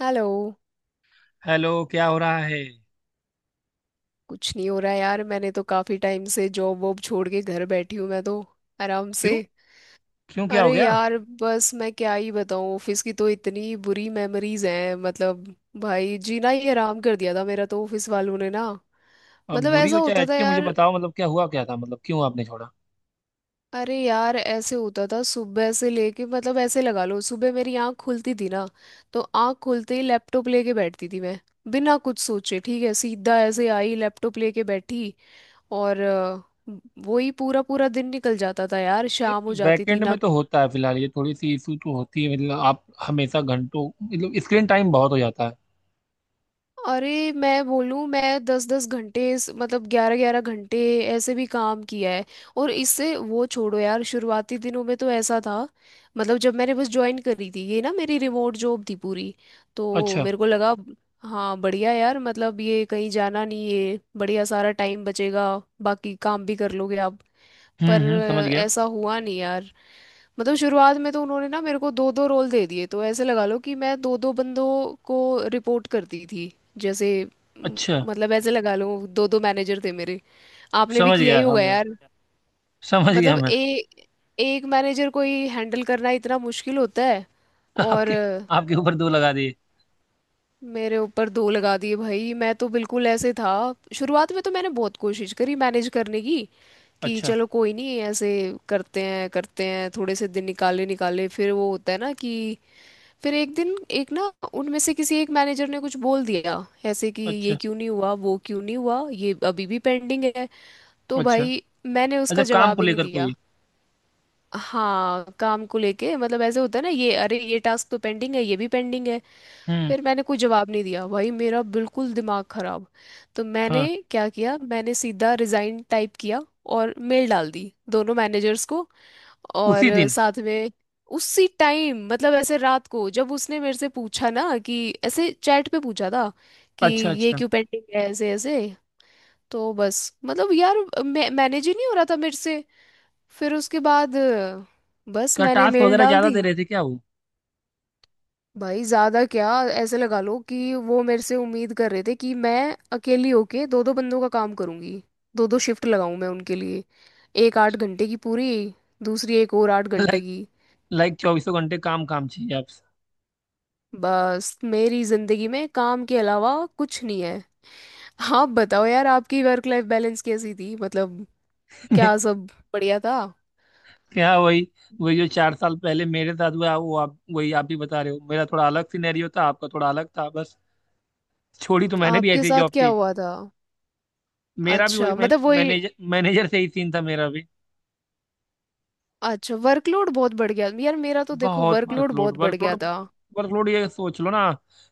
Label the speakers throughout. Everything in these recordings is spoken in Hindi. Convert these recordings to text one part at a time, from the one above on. Speaker 1: हेलो।
Speaker 2: हेलो, क्या हो रहा है?
Speaker 1: कुछ नहीं हो रहा यार, मैंने तो काफी टाइम से जॉब वॉब छोड़ के घर बैठी हूँ मैं तो। आराम से।
Speaker 2: क्यों? क्यों क्या हो
Speaker 1: अरे
Speaker 2: गया?
Speaker 1: यार, बस मैं क्या ही बताऊँ, ऑफिस की तो इतनी बुरी मेमोरीज हैं मतलब। भाई जीना ही हराम कर दिया था मेरा तो ऑफिस वालों ने ना।
Speaker 2: अब
Speaker 1: मतलब
Speaker 2: बुरी
Speaker 1: ऐसा
Speaker 2: हो चाहे
Speaker 1: होता था
Speaker 2: अच्छी, मुझे
Speaker 1: यार।
Speaker 2: बताओ, मतलब क्या हुआ, क्या था, मतलब क्यों आपने छोड़ा?
Speaker 1: अरे यार, ऐसे होता था सुबह से लेके, मतलब ऐसे लगा लो सुबह मेरी आँख खुलती थी ना, तो आँख खुलते ही लैपटॉप लेके बैठती थी मैं। बिना कुछ सोचे, ठीक है, सीधा ऐसे आई लैपटॉप लेके बैठी। और वही पूरा पूरा दिन निकल जाता था यार,
Speaker 2: ये
Speaker 1: शाम हो जाती थी
Speaker 2: बैकएंड
Speaker 1: ना।
Speaker 2: में तो होता है फिलहाल, ये थोड़ी सी इशू तो होती है, मतलब आप हमेशा घंटों, मतलब स्क्रीन टाइम बहुत हो जाता है।
Speaker 1: अरे मैं बोलूँ, मैं 10-10 घंटे मतलब 11-11 घंटे ऐसे भी काम किया है। और इससे वो छोड़ो यार, शुरुआती दिनों में तो ऐसा था। मतलब जब मैंने बस ज्वाइन करी थी, ये ना मेरी रिमोट जॉब थी पूरी, तो
Speaker 2: अच्छा।
Speaker 1: मेरे को लगा हाँ बढ़िया यार, मतलब ये कहीं जाना नहीं है, बढ़िया सारा टाइम बचेगा, बाकी काम भी कर लोगे आप।
Speaker 2: हम्म,
Speaker 1: पर
Speaker 2: हम्म, समझ गया।
Speaker 1: ऐसा हुआ नहीं यार। मतलब शुरुआत में तो उन्होंने ना मेरे को दो दो रोल दे दिए, तो ऐसे लगा लो कि मैं दो दो बंदों को रिपोर्ट करती थी, जैसे म,
Speaker 2: अच्छा,
Speaker 1: मतलब ऐसे लगा लो दो दो मैनेजर थे मेरे। आपने भी
Speaker 2: समझ
Speaker 1: किया ही
Speaker 2: गया,
Speaker 1: होगा
Speaker 2: समझ
Speaker 1: यार।
Speaker 2: समझ गया
Speaker 1: मतलब
Speaker 2: मैं।
Speaker 1: एक मैनेजर को ही हैंडल करना इतना मुश्किल होता है, और
Speaker 2: आपके आपके ऊपर दो लगा दिए।
Speaker 1: मेरे ऊपर दो लगा दिए भाई, मैं तो बिल्कुल ऐसे था। शुरुआत में तो मैंने बहुत कोशिश करी मैनेज करने की कि
Speaker 2: अच्छा,
Speaker 1: चलो कोई नहीं, ऐसे करते हैं करते हैं, थोड़े से दिन निकाले निकाले, फिर वो होता है ना कि फिर एक दिन एक ना उनमें से किसी एक मैनेजर ने कुछ बोल दिया ऐसे कि ये
Speaker 2: अच्छा,
Speaker 1: क्यों नहीं हुआ, वो क्यों नहीं हुआ, ये अभी भी पेंडिंग है। तो
Speaker 2: अच्छा,
Speaker 1: भाई मैंने
Speaker 2: अच्छा,
Speaker 1: उसका
Speaker 2: काम को
Speaker 1: जवाब ही नहीं
Speaker 2: लेकर
Speaker 1: दिया।
Speaker 2: कोई?
Speaker 1: हाँ काम को लेके, मतलब ऐसे होता है ना, ये अरे ये टास्क तो पेंडिंग है, ये भी पेंडिंग है।
Speaker 2: हम्म।
Speaker 1: फिर मैंने कोई जवाब नहीं दिया भाई, मेरा बिल्कुल दिमाग खराब। तो मैंने
Speaker 2: हाँ।
Speaker 1: क्या किया, मैंने सीधा रिजाइन टाइप किया और मेल डाल दी दोनों मैनेजर्स को। और
Speaker 2: उसी दिन?
Speaker 1: साथ में उसी टाइम, मतलब ऐसे रात को जब उसने मेरे से पूछा ना कि ऐसे चैट पे पूछा था कि
Speaker 2: अच्छा,
Speaker 1: ये
Speaker 2: अच्छा।
Speaker 1: क्यों पेंडिंग है, ऐसे ऐसे। तो बस मतलब यार, मैनेज ही नहीं हो रहा था मेरे से। फिर उसके बाद बस
Speaker 2: क्या
Speaker 1: मैंने
Speaker 2: टास्क
Speaker 1: मेल
Speaker 2: वगैरह
Speaker 1: डाल
Speaker 2: ज्यादा
Speaker 1: दी।
Speaker 2: दे रहे थे क्या वो?
Speaker 1: भाई ज्यादा क्या, ऐसे लगा लो कि वो मेरे से उम्मीद कर रहे थे कि मैं अकेली होके दो दो बंदों का काम करूंगी, दो दो शिफ्ट लगाऊं मैं उनके लिए, एक 8 घंटे की पूरी, दूसरी एक और 8 घंटे की।
Speaker 2: लाइक चौबीसों घंटे काम काम चाहिए आपसे।
Speaker 1: बस मेरी जिंदगी में काम के अलावा कुछ नहीं है। आप बताओ यार, आपकी वर्क लाइफ बैलेंस कैसी थी, मतलब क्या सब बढ़िया था।
Speaker 2: क्या वही वही जो चार साल पहले मेरे साथ हुआ, वो आप वही, आप भी बता रहे हो। मेरा थोड़ा अलग सिनेरियो था, आपका थोड़ा अलग था, बस। छोड़ी तो मैंने भी,
Speaker 1: आपके
Speaker 2: ऐसी
Speaker 1: साथ
Speaker 2: जॉब
Speaker 1: क्या
Speaker 2: थी।
Speaker 1: हुआ था?
Speaker 2: मेरा भी वही।
Speaker 1: अच्छा मतलब वही।
Speaker 2: मैनेजर मैनेजर से ही सीन था मेरा भी।
Speaker 1: अच्छा वर्कलोड बहुत बढ़ गया यार मेरा तो, देखो
Speaker 2: बहुत
Speaker 1: वर्कलोड
Speaker 2: वर्कलोड,
Speaker 1: बहुत बढ़ गया
Speaker 2: वर्कलोड,
Speaker 1: था।
Speaker 2: वर्कलोड, ये सोच लो ना,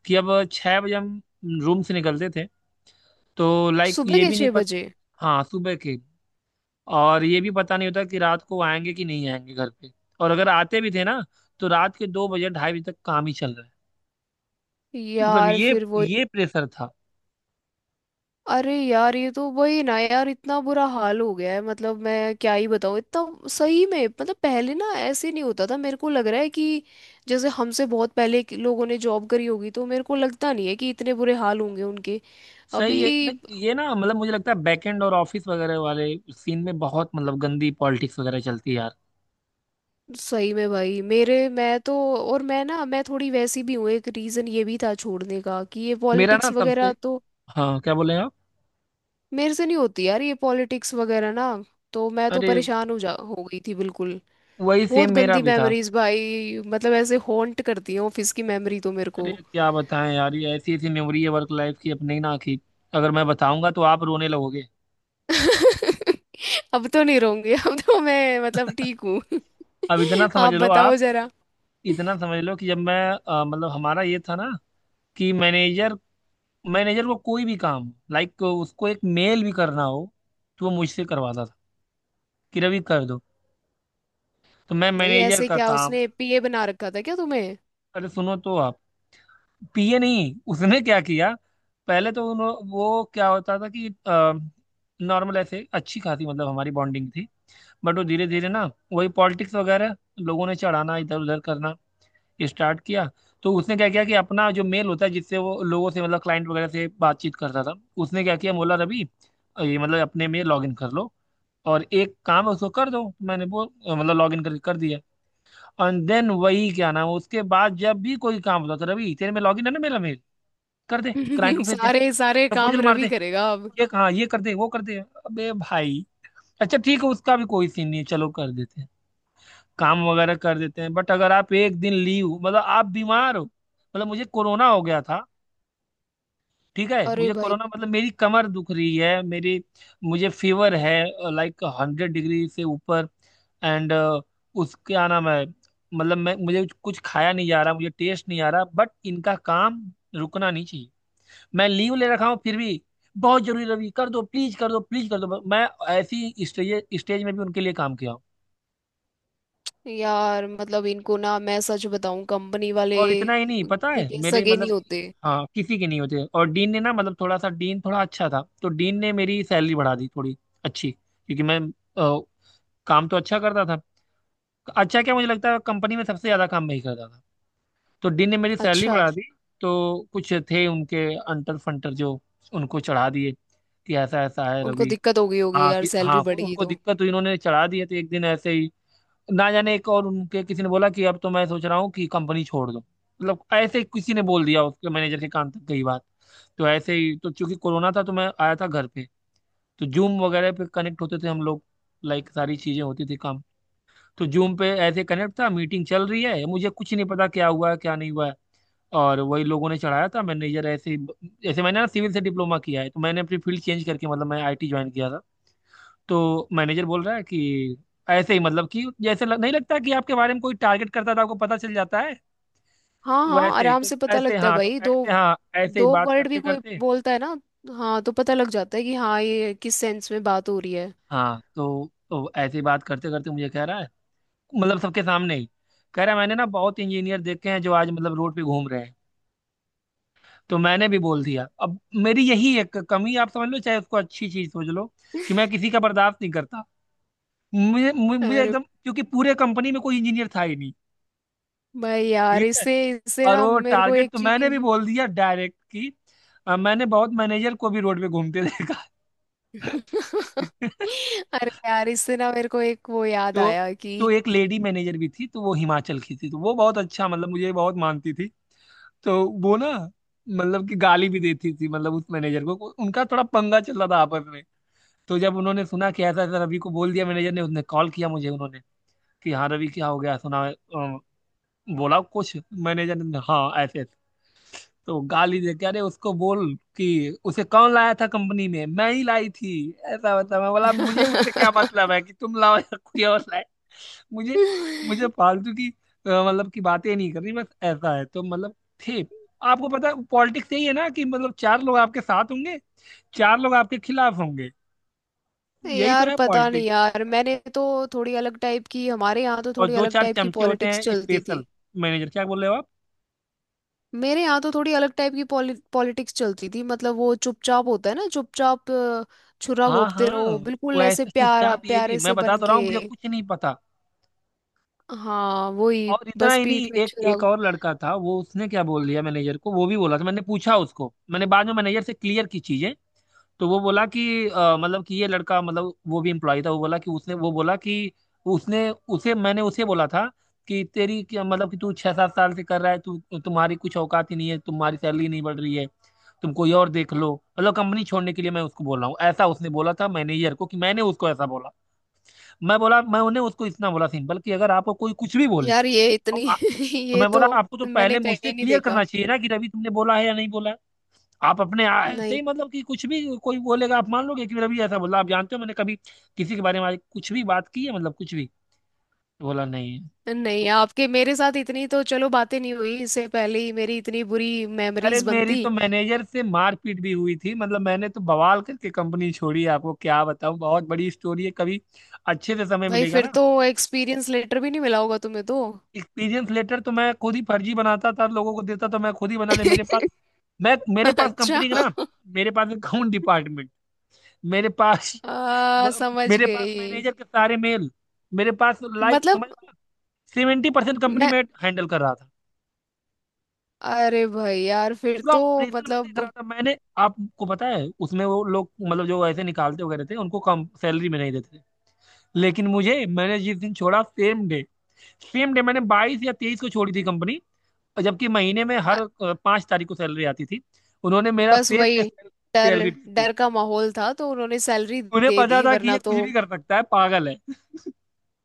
Speaker 2: कि अब 6 बजे हम रूम से निकलते थे, तो लाइक
Speaker 1: सुबह
Speaker 2: ये
Speaker 1: के
Speaker 2: भी नहीं
Speaker 1: छह
Speaker 2: पता।
Speaker 1: बजे
Speaker 2: हाँ, सुबह के। और ये भी पता नहीं होता कि रात को आएंगे कि नहीं आएंगे घर पे, और अगर आते भी थे ना तो रात के 2 बजे 2:30 बजे तक काम ही चल। मतलब
Speaker 1: यार
Speaker 2: ये
Speaker 1: फिर वही।
Speaker 2: ये प्रेशर था।
Speaker 1: अरे यार ये तो वही ना यार, इतना बुरा हाल हो गया है मतलब, मैं क्या ही बताऊँ इतना, सही में मतलब पहले ना ऐसे नहीं होता था। मेरे को लग रहा है कि जैसे हमसे बहुत पहले के लोगों ने जॉब करी होगी तो मेरे को लगता नहीं है कि इतने बुरे हाल होंगे उनके।
Speaker 2: सही
Speaker 1: अभी
Speaker 2: है ये ना, मतलब मुझे लगता है बैकएंड और ऑफिस वगैरह वाले सीन में बहुत, मतलब गंदी पॉलिटिक्स वगैरह चलती है यार।
Speaker 1: सही में भाई, मेरे मैं तो, और मैं ना मैं थोड़ी वैसी भी हूँ, एक रीज़न ये भी था छोड़ने का कि ये
Speaker 2: मेरा ना
Speaker 1: पॉलिटिक्स वगैरह
Speaker 2: सबसे।
Speaker 1: तो
Speaker 2: हाँ, क्या बोले आप?
Speaker 1: मेरे से नहीं होती यार, ये पॉलिटिक्स वगैरह ना, तो मैं तो
Speaker 2: अरे,
Speaker 1: परेशान हो गई थी बिल्कुल।
Speaker 2: वही सेम
Speaker 1: बहुत
Speaker 2: मेरा
Speaker 1: गंदी
Speaker 2: भी था।
Speaker 1: मेमोरीज भाई, मतलब ऐसे हॉन्ट करती है ऑफिस की मेमोरी तो मेरे को।
Speaker 2: अरे क्या बताएं यार, ये ऐसी ऐसी मेमोरी है वर्क लाइफ की अपनी ना, कि अगर मैं बताऊंगा तो आप रोने लगोगे।
Speaker 1: अब तो नहीं रहूंगी, अब तो मैं मतलब ठीक हूँ।
Speaker 2: अब इतना समझ
Speaker 1: आप
Speaker 2: लो आप,
Speaker 1: बताओ जरा।
Speaker 2: इतना समझ लो कि जब मैं मतलब हमारा ये था ना, कि मैनेजर मैनेजर को कोई भी काम, लाइक उसको एक मेल भी करना हो, तो वो मुझसे करवाता था, कि रवि कर दो। तो मैं
Speaker 1: भाई
Speaker 2: मैनेजर
Speaker 1: ऐसे
Speaker 2: का
Speaker 1: क्या,
Speaker 2: काम।
Speaker 1: उसने पीए बना रखा था क्या तुम्हें?
Speaker 2: अरे सुनो तो आप, पीए नहीं उसने क्या किया, पहले तो वो क्या होता था कि नॉर्मल, ऐसे अच्छी खासी मतलब हमारी बॉन्डिंग थी, बट वो धीरे धीरे ना, वही पॉलिटिक्स वगैरह, लोगों ने चढ़ाना, इधर उधर करना स्टार्ट किया। तो उसने क्या किया कि अपना जो मेल होता है जिससे वो लोगों से, मतलब क्लाइंट वगैरह से बातचीत करता था, उसने क्या किया, बोला रवि, ये मतलब अपने में लॉग इन कर लो और एक काम है उसको कर दो। मैंने वो मतलब लॉग इन कर कर दिया। एंड देन वही क्या नाम, उसके बाद जब भी कोई काम होता तो रवि, तेरे में लॉगिन है ना मेरा मेल, कर दे, क्लाइंट को भेज दे,
Speaker 1: सारे सारे
Speaker 2: प्रपोजल
Speaker 1: काम
Speaker 2: मार दे,
Speaker 1: रवि करेगा अब।
Speaker 2: ये, हाँ ये कर दे वो कर दे, अबे भाई। अच्छा ठीक है, उसका भी कोई सीन नहीं है, चलो कर देते हैं, काम वगैरह कर देते हैं। बट अगर आप एक दिन लीव, मतलब आप बीमार हो, मतलब मुझे कोरोना हो गया था। ठीक है,
Speaker 1: अरे
Speaker 2: मुझे
Speaker 1: भाई
Speaker 2: कोरोना, मतलब मेरी कमर दुख रही है मेरी, मुझे फीवर है, लाइक 100 डिग्री से ऊपर, एंड उसके क्या नाम है, मतलब मैं, मुझे कुछ खाया नहीं जा रहा, मुझे टेस्ट नहीं आ रहा, बट इनका काम रुकना नहीं चाहिए, मैं लीव ले रखा हूँ फिर भी, बहुत जरूरी रवि, कर दो प्लीज, कर दो प्लीज, कर दो। मैं ऐसी स्टेज स्टेज में भी उनके लिए काम किया।
Speaker 1: यार, मतलब इनको ना, मैं सच बताऊं कंपनी वाले
Speaker 2: और इतना ही नहीं, पता
Speaker 1: किसी
Speaker 2: है
Speaker 1: के
Speaker 2: मेरे,
Speaker 1: सगे
Speaker 2: मतलब,
Speaker 1: नहीं होते।
Speaker 2: हाँ किसी के नहीं होते। और डीन ने ना, मतलब थोड़ा सा डीन थोड़ा अच्छा था, तो डीन ने मेरी सैलरी बढ़ा दी थोड़ी अच्छी, क्योंकि मैं अ, काम तो अच्छा करता था। अच्छा क्या, मुझे लगता है कंपनी में सबसे ज्यादा काम मैं ही करता था। तो डीन ने मेरी सैलरी
Speaker 1: अच्छा,
Speaker 2: बढ़ा दी। तो कुछ थे उनके अंटर फंटर, जो उनको चढ़ा दिए कि ऐसा ऐसा है
Speaker 1: उनको
Speaker 2: रवि।
Speaker 1: दिक्कत हो गई होगी
Speaker 2: हाँ कि
Speaker 1: यार
Speaker 2: हाँ,
Speaker 1: सैलरी बढ़ गई
Speaker 2: उनको
Speaker 1: तो।
Speaker 2: दिक्कत हुई, इन्होंने चढ़ा दिए, तो एक दिन ऐसे ही ना जाने एक, और उनके किसी ने बोला कि अब तो मैं सोच रहा हूँ कि कंपनी छोड़ दूँ, मतलब ऐसे ही किसी ने बोल दिया, उसके मैनेजर के कान तक गई बात। तो ऐसे ही तो, चूंकि कोरोना था तो मैं आया था घर पे, तो जूम वगैरह पे कनेक्ट होते थे हम लोग, लाइक सारी चीजें होती थी, काम। तो जूम पे ऐसे कनेक्ट था, मीटिंग चल रही है, मुझे कुछ नहीं पता क्या हुआ है क्या नहीं हुआ है, और वही लोगों ने चढ़ाया था मैनेजर ऐसे। मैंने ना सिविल से डिप्लोमा किया है, तो मैंने अपनी फील्ड चेंज करके, मतलब मैं आईटी ज्वाइन किया था। तो मैनेजर बोल रहा है कि, ऐसे ही, मतलब कि जैसे नहीं लगता कि आपके बारे में कोई टारगेट करता था, आपको पता चल जाता है,
Speaker 1: हाँ हाँ
Speaker 2: वैसे ही
Speaker 1: आराम
Speaker 2: तो,
Speaker 1: से पता
Speaker 2: ऐसे,
Speaker 1: लगता है
Speaker 2: हाँ तो
Speaker 1: भाई, दो
Speaker 2: ऐसे, हाँ ऐसे ही
Speaker 1: दो
Speaker 2: बात
Speaker 1: वर्ड भी
Speaker 2: करते
Speaker 1: कोई
Speaker 2: करते,
Speaker 1: बोलता है ना, हाँ तो पता लग जाता है कि हाँ ये किस सेंस में बात हो रही है।
Speaker 2: हाँ तो ऐसे ही बात करते करते मुझे कह रहा है, मतलब सबके सामने ही कह रहा है, मैंने ना बहुत इंजीनियर देखे हैं जो आज, मतलब रोड पे घूम रहे हैं। तो मैंने भी बोल दिया, अब मेरी यही एक कमी आप समझ लो, चाहे उसको अच्छी चीज समझ लो, कि मैं किसी का बर्दाश्त नहीं करता। मुझे मुझे मुझे
Speaker 1: अरे
Speaker 2: एकदम, क्योंकि पूरे कंपनी में कोई इंजीनियर था ही
Speaker 1: भाई यार,
Speaker 2: नहीं,
Speaker 1: इससे इससे
Speaker 2: और
Speaker 1: ना
Speaker 2: वो
Speaker 1: मेरे को
Speaker 2: टारगेट
Speaker 1: एक
Speaker 2: तो मैंने भी
Speaker 1: चीज।
Speaker 2: बोल दिया डायरेक्ट, कि मैंने बहुत मैनेजर को भी रोड पे घूमते देखा है।
Speaker 1: अरे यार इससे ना मेरे को एक वो याद
Speaker 2: तो
Speaker 1: आया कि।
Speaker 2: एक लेडी मैनेजर भी थी, तो वो हिमाचल की थी, तो वो बहुत अच्छा, मतलब मुझे बहुत मानती थी, तो वो ना, मतलब कि गाली भी देती थी, मतलब उस मैनेजर को, उनका थोड़ा पंगा चल रहा था आपस में। तो जब उन्होंने सुना कि ऐसा ऐसा रवि को बोल दिया मैनेजर ने, उसने कॉल किया मुझे, उन्होंने कि हाँ रवि, क्या हो गया, सुना बोला कुछ मैनेजर ने, हाँ ऐसे ऐसे। तो गाली दे के, अरे उसको बोल कि उसे कौन लाया था कंपनी में, मैं ही लाई थी, ऐसा वैसा। मैं बोला, मुझे उससे क्या मतलब है कि तुम लाओ या कोई और लाए, मुझे मुझे फालतू की मतलब की बातें नहीं करनी, बस ऐसा है तो, मतलब थे। आपको पता है पॉलिटिक्स यही है ना, कि मतलब चार लोग आपके साथ होंगे, चार लोग आपके खिलाफ होंगे, यही तो
Speaker 1: यार
Speaker 2: है
Speaker 1: पता नहीं
Speaker 2: पॉलिटिक्स।
Speaker 1: यार, मैंने तो थोड़ी अलग टाइप की, हमारे यहाँ तो
Speaker 2: और
Speaker 1: थोड़ी
Speaker 2: दो
Speaker 1: अलग
Speaker 2: चार
Speaker 1: टाइप की
Speaker 2: चमचे होते
Speaker 1: पॉलिटिक्स
Speaker 2: हैं
Speaker 1: चलती
Speaker 2: स्पेशल,
Speaker 1: थी।
Speaker 2: मैनेजर, क्या बोल रहे हो आप?
Speaker 1: मेरे यहाँ तो थोड़ी अलग टाइप की पॉलिटिक्स चलती थी, मतलब वो चुपचाप होता है ना, चुपचाप छुरा
Speaker 2: हाँ,
Speaker 1: घोंपते
Speaker 2: हाँ,
Speaker 1: रहो, बिल्कुल
Speaker 2: वो
Speaker 1: ऐसे
Speaker 2: ऐसे
Speaker 1: प्यारा
Speaker 2: चुपचाप, ये भी
Speaker 1: प्यारे
Speaker 2: मैं
Speaker 1: से
Speaker 2: बता
Speaker 1: बन
Speaker 2: तो रहा
Speaker 1: के।
Speaker 2: हूँ, मुझे कुछ नहीं पता।
Speaker 1: हाँ वही
Speaker 2: और इतना
Speaker 1: बस
Speaker 2: ही नहीं,
Speaker 1: पीठ में
Speaker 2: एक एक और लड़का था, वो उसने क्या बोल दिया मैनेजर को, वो भी बोला था, मैंने पूछा उसको, मैंने बाद में मैनेजर से क्लियर की चीजें। तो वो बोला कि मतलब कि ये लड़का, मतलब वो भी एम्प्लॉय था, वो बोला कि उसने, उसे, मैंने उसे बोला था कि तेरी क्या, मतलब कि तू 6-7 साल से कर रहा है तू, तुम्हारी कुछ औकात ही नहीं है, तुम्हारी सैलरी नहीं बढ़ रही है, तुम कोई और देख लो, मतलब कंपनी छोड़ने के लिए मैं उसको बोल रहा हूँ, ऐसा उसने बोला था मैनेजर को कि मैंने उसको ऐसा बोला। मैं बोला, मैं उन्हें उसको इतना बोला सिंपल, कि अगर आपको कोई कुछ भी बोले
Speaker 1: यार ये इतनी।
Speaker 2: तो, तो
Speaker 1: ये
Speaker 2: मैं बोला
Speaker 1: तो
Speaker 2: आपको तो
Speaker 1: मैंने
Speaker 2: पहले मुझसे
Speaker 1: कहीं नहीं
Speaker 2: क्लियर
Speaker 1: देखा।
Speaker 2: करना चाहिए ना, कि रवि तुमने बोला है या नहीं बोला है। आप ऐसे
Speaker 1: नहीं।
Speaker 2: ही, मतलब कि कुछ भी कोई बोलेगा आप मान लोगे कि रवि ऐसा बोला, आप जानते हो मैंने कभी किसी के बारे में आज कुछ भी बात की है, मतलब कुछ भी बोला नहीं है।
Speaker 1: नहीं
Speaker 2: तो
Speaker 1: आपके मेरे साथ इतनी तो चलो बातें नहीं हुई, इससे पहले ही मेरी इतनी बुरी
Speaker 2: अरे,
Speaker 1: मेमोरीज
Speaker 2: मेरी
Speaker 1: बनती।
Speaker 2: तो मैनेजर से मारपीट भी हुई थी, मतलब मैंने तो बवाल करके कंपनी छोड़ी है, आपको क्या बताऊं, बहुत बड़ी स्टोरी है, कभी अच्छे से समय
Speaker 1: भाई
Speaker 2: मिलेगा
Speaker 1: फिर
Speaker 2: ना।
Speaker 1: तो एक्सपीरियंस लेटर भी नहीं मिला होगा तुम्हें तो।
Speaker 2: एक्सपीरियंस लेटर तो मैं खुद ही फर्जी बनाता था, लोगों को देता तो मैं खुद ही बना ले, मेरे पास, मैं मेरे पास
Speaker 1: अच्छा
Speaker 2: कंपनी का ना, मेरे पास अकाउंट डिपार्टमेंट, मेरे पास,
Speaker 1: समझ
Speaker 2: मेरे पास
Speaker 1: गई।
Speaker 2: मैनेजर के सारे मेल, मेरे पास, लाइक
Speaker 1: मतलब
Speaker 2: समझ, 70% कंपनी
Speaker 1: मैं।
Speaker 2: में हैंडल कर रहा था,
Speaker 1: अरे भाई यार फिर
Speaker 2: पूरा
Speaker 1: तो।
Speaker 2: ऑपरेशन मैं देख
Speaker 1: मतलब
Speaker 2: रहा था। मैंने, आपको पता है उसमें वो लोग, मतलब जो ऐसे निकालते वगैरह थे उनको कम सैलरी में नहीं देते थे, लेकिन मुझे, मैंने जिस दिन छोड़ा सेम डे, सेम डे मैंने 22 या 23 को छोड़ी थी कंपनी, जबकि महीने में
Speaker 1: अ-
Speaker 2: हर 5 तारीख को सैलरी आती थी, उन्होंने मेरा
Speaker 1: बस
Speaker 2: सेम डे
Speaker 1: वही डर,
Speaker 2: सैलरी दी थी।
Speaker 1: डर का माहौल था तो उन्होंने सैलरी
Speaker 2: उन्हें
Speaker 1: दे
Speaker 2: पता
Speaker 1: दी
Speaker 2: था कि ये
Speaker 1: वरना तो।
Speaker 2: कुछ भी कर सकता है, पागल है।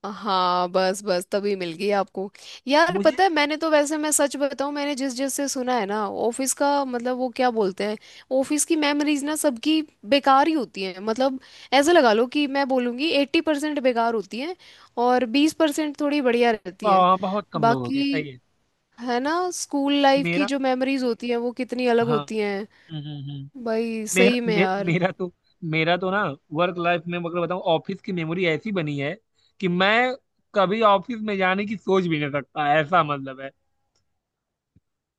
Speaker 1: हाँ बस बस तभी मिल गई आपको। यार
Speaker 2: मुझे
Speaker 1: पता है, मैंने तो वैसे, मैं सच बताऊं, मैंने जिस जिस से सुना है ना ऑफिस का मतलब वो क्या बोलते हैं, ऑफिस की मेमोरीज ना सबकी बेकार ही होती हैं मतलब। ऐसे लगा लो कि मैं बोलूँगी 80% बेकार होती हैं, और 20% थोड़ी बढ़िया रहती हैं
Speaker 2: बहुत कम लोगों की
Speaker 1: बाकी।
Speaker 2: सही है।
Speaker 1: है ना, स्कूल लाइफ की
Speaker 2: मेरा,
Speaker 1: जो मेमोरीज होती हैं वो कितनी अलग
Speaker 2: हाँ,
Speaker 1: होती हैं।
Speaker 2: हम्म,
Speaker 1: भाई सही में यार।
Speaker 2: मेरा तो, मेरा तो ना वर्क लाइफ में, मतलब बताऊं ऑफिस की मेमोरी ऐसी बनी है कि मैं कभी ऑफिस में जाने की सोच भी नहीं सकता, ऐसा मतलब है।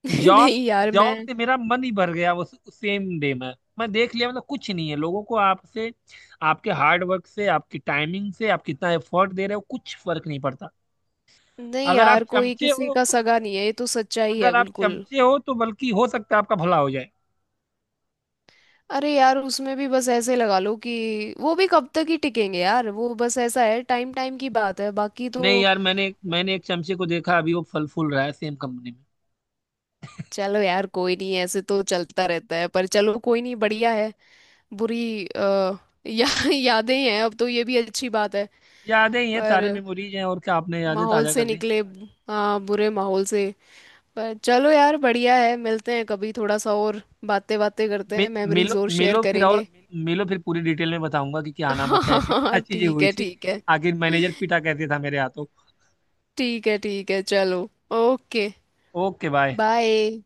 Speaker 2: जॉब
Speaker 1: नहीं यार
Speaker 2: जॉब
Speaker 1: मैं।
Speaker 2: से मेरा मन ही भर गया वो सेम डे में, मैं देख लिया, मतलब कुछ नहीं है लोगों को आपसे, आपके हार्ड वर्क से, आपकी टाइमिंग से, आप कितना एफर्ट दे रहे हो, कुछ फर्क नहीं पड़ता।
Speaker 1: नहीं
Speaker 2: अगर आप
Speaker 1: यार कोई
Speaker 2: चमचे
Speaker 1: किसी
Speaker 2: हो,
Speaker 1: का सगा नहीं है, ये तो सच्चाई है
Speaker 2: अगर आप
Speaker 1: बिल्कुल।
Speaker 2: चमचे हो तो बल्कि हो सकता है आपका भला हो जाए।
Speaker 1: अरे यार उसमें भी बस ऐसे लगा लो कि वो भी कब तक ही टिकेंगे यार, वो बस ऐसा है, टाइम टाइम की बात है बाकी तो।
Speaker 2: नहीं यार, मैंने मैंने एक चमचे को देखा, अभी वो फल फूल रहा है सेम कंपनी में।
Speaker 1: चलो यार कोई नहीं, ऐसे तो चलता रहता है, पर चलो कोई नहीं बढ़िया है। बुरी या, यादें ही हैं अब तो, ये भी अच्छी बात है।
Speaker 2: यादें ही हैं, सारे
Speaker 1: पर
Speaker 2: मेमोरीज हैं, और क्या, आपने यादें
Speaker 1: माहौल
Speaker 2: ताजा
Speaker 1: से
Speaker 2: कर दी।
Speaker 1: निकले, हाँ बुरे माहौल से। पर चलो यार बढ़िया है, मिलते हैं कभी, थोड़ा सा और बातें बातें करते हैं, मेमोरीज
Speaker 2: मिलो
Speaker 1: और शेयर
Speaker 2: मिलो फिर और,
Speaker 1: करेंगे।
Speaker 2: मिलो फिर पूरी डिटेल में बताऊंगा कि क्या नाम है,
Speaker 1: हाँ हाँ
Speaker 2: कैसे क्या
Speaker 1: हाँ,
Speaker 2: चीजें
Speaker 1: ठीक
Speaker 2: हुई
Speaker 1: है
Speaker 2: थी,
Speaker 1: ठीक है।
Speaker 2: आखिर मैनेजर पीटा कैसे था मेरे हाथों।
Speaker 1: ठीक है ठीक है चलो। Okay
Speaker 2: okay, bye.
Speaker 1: बाय।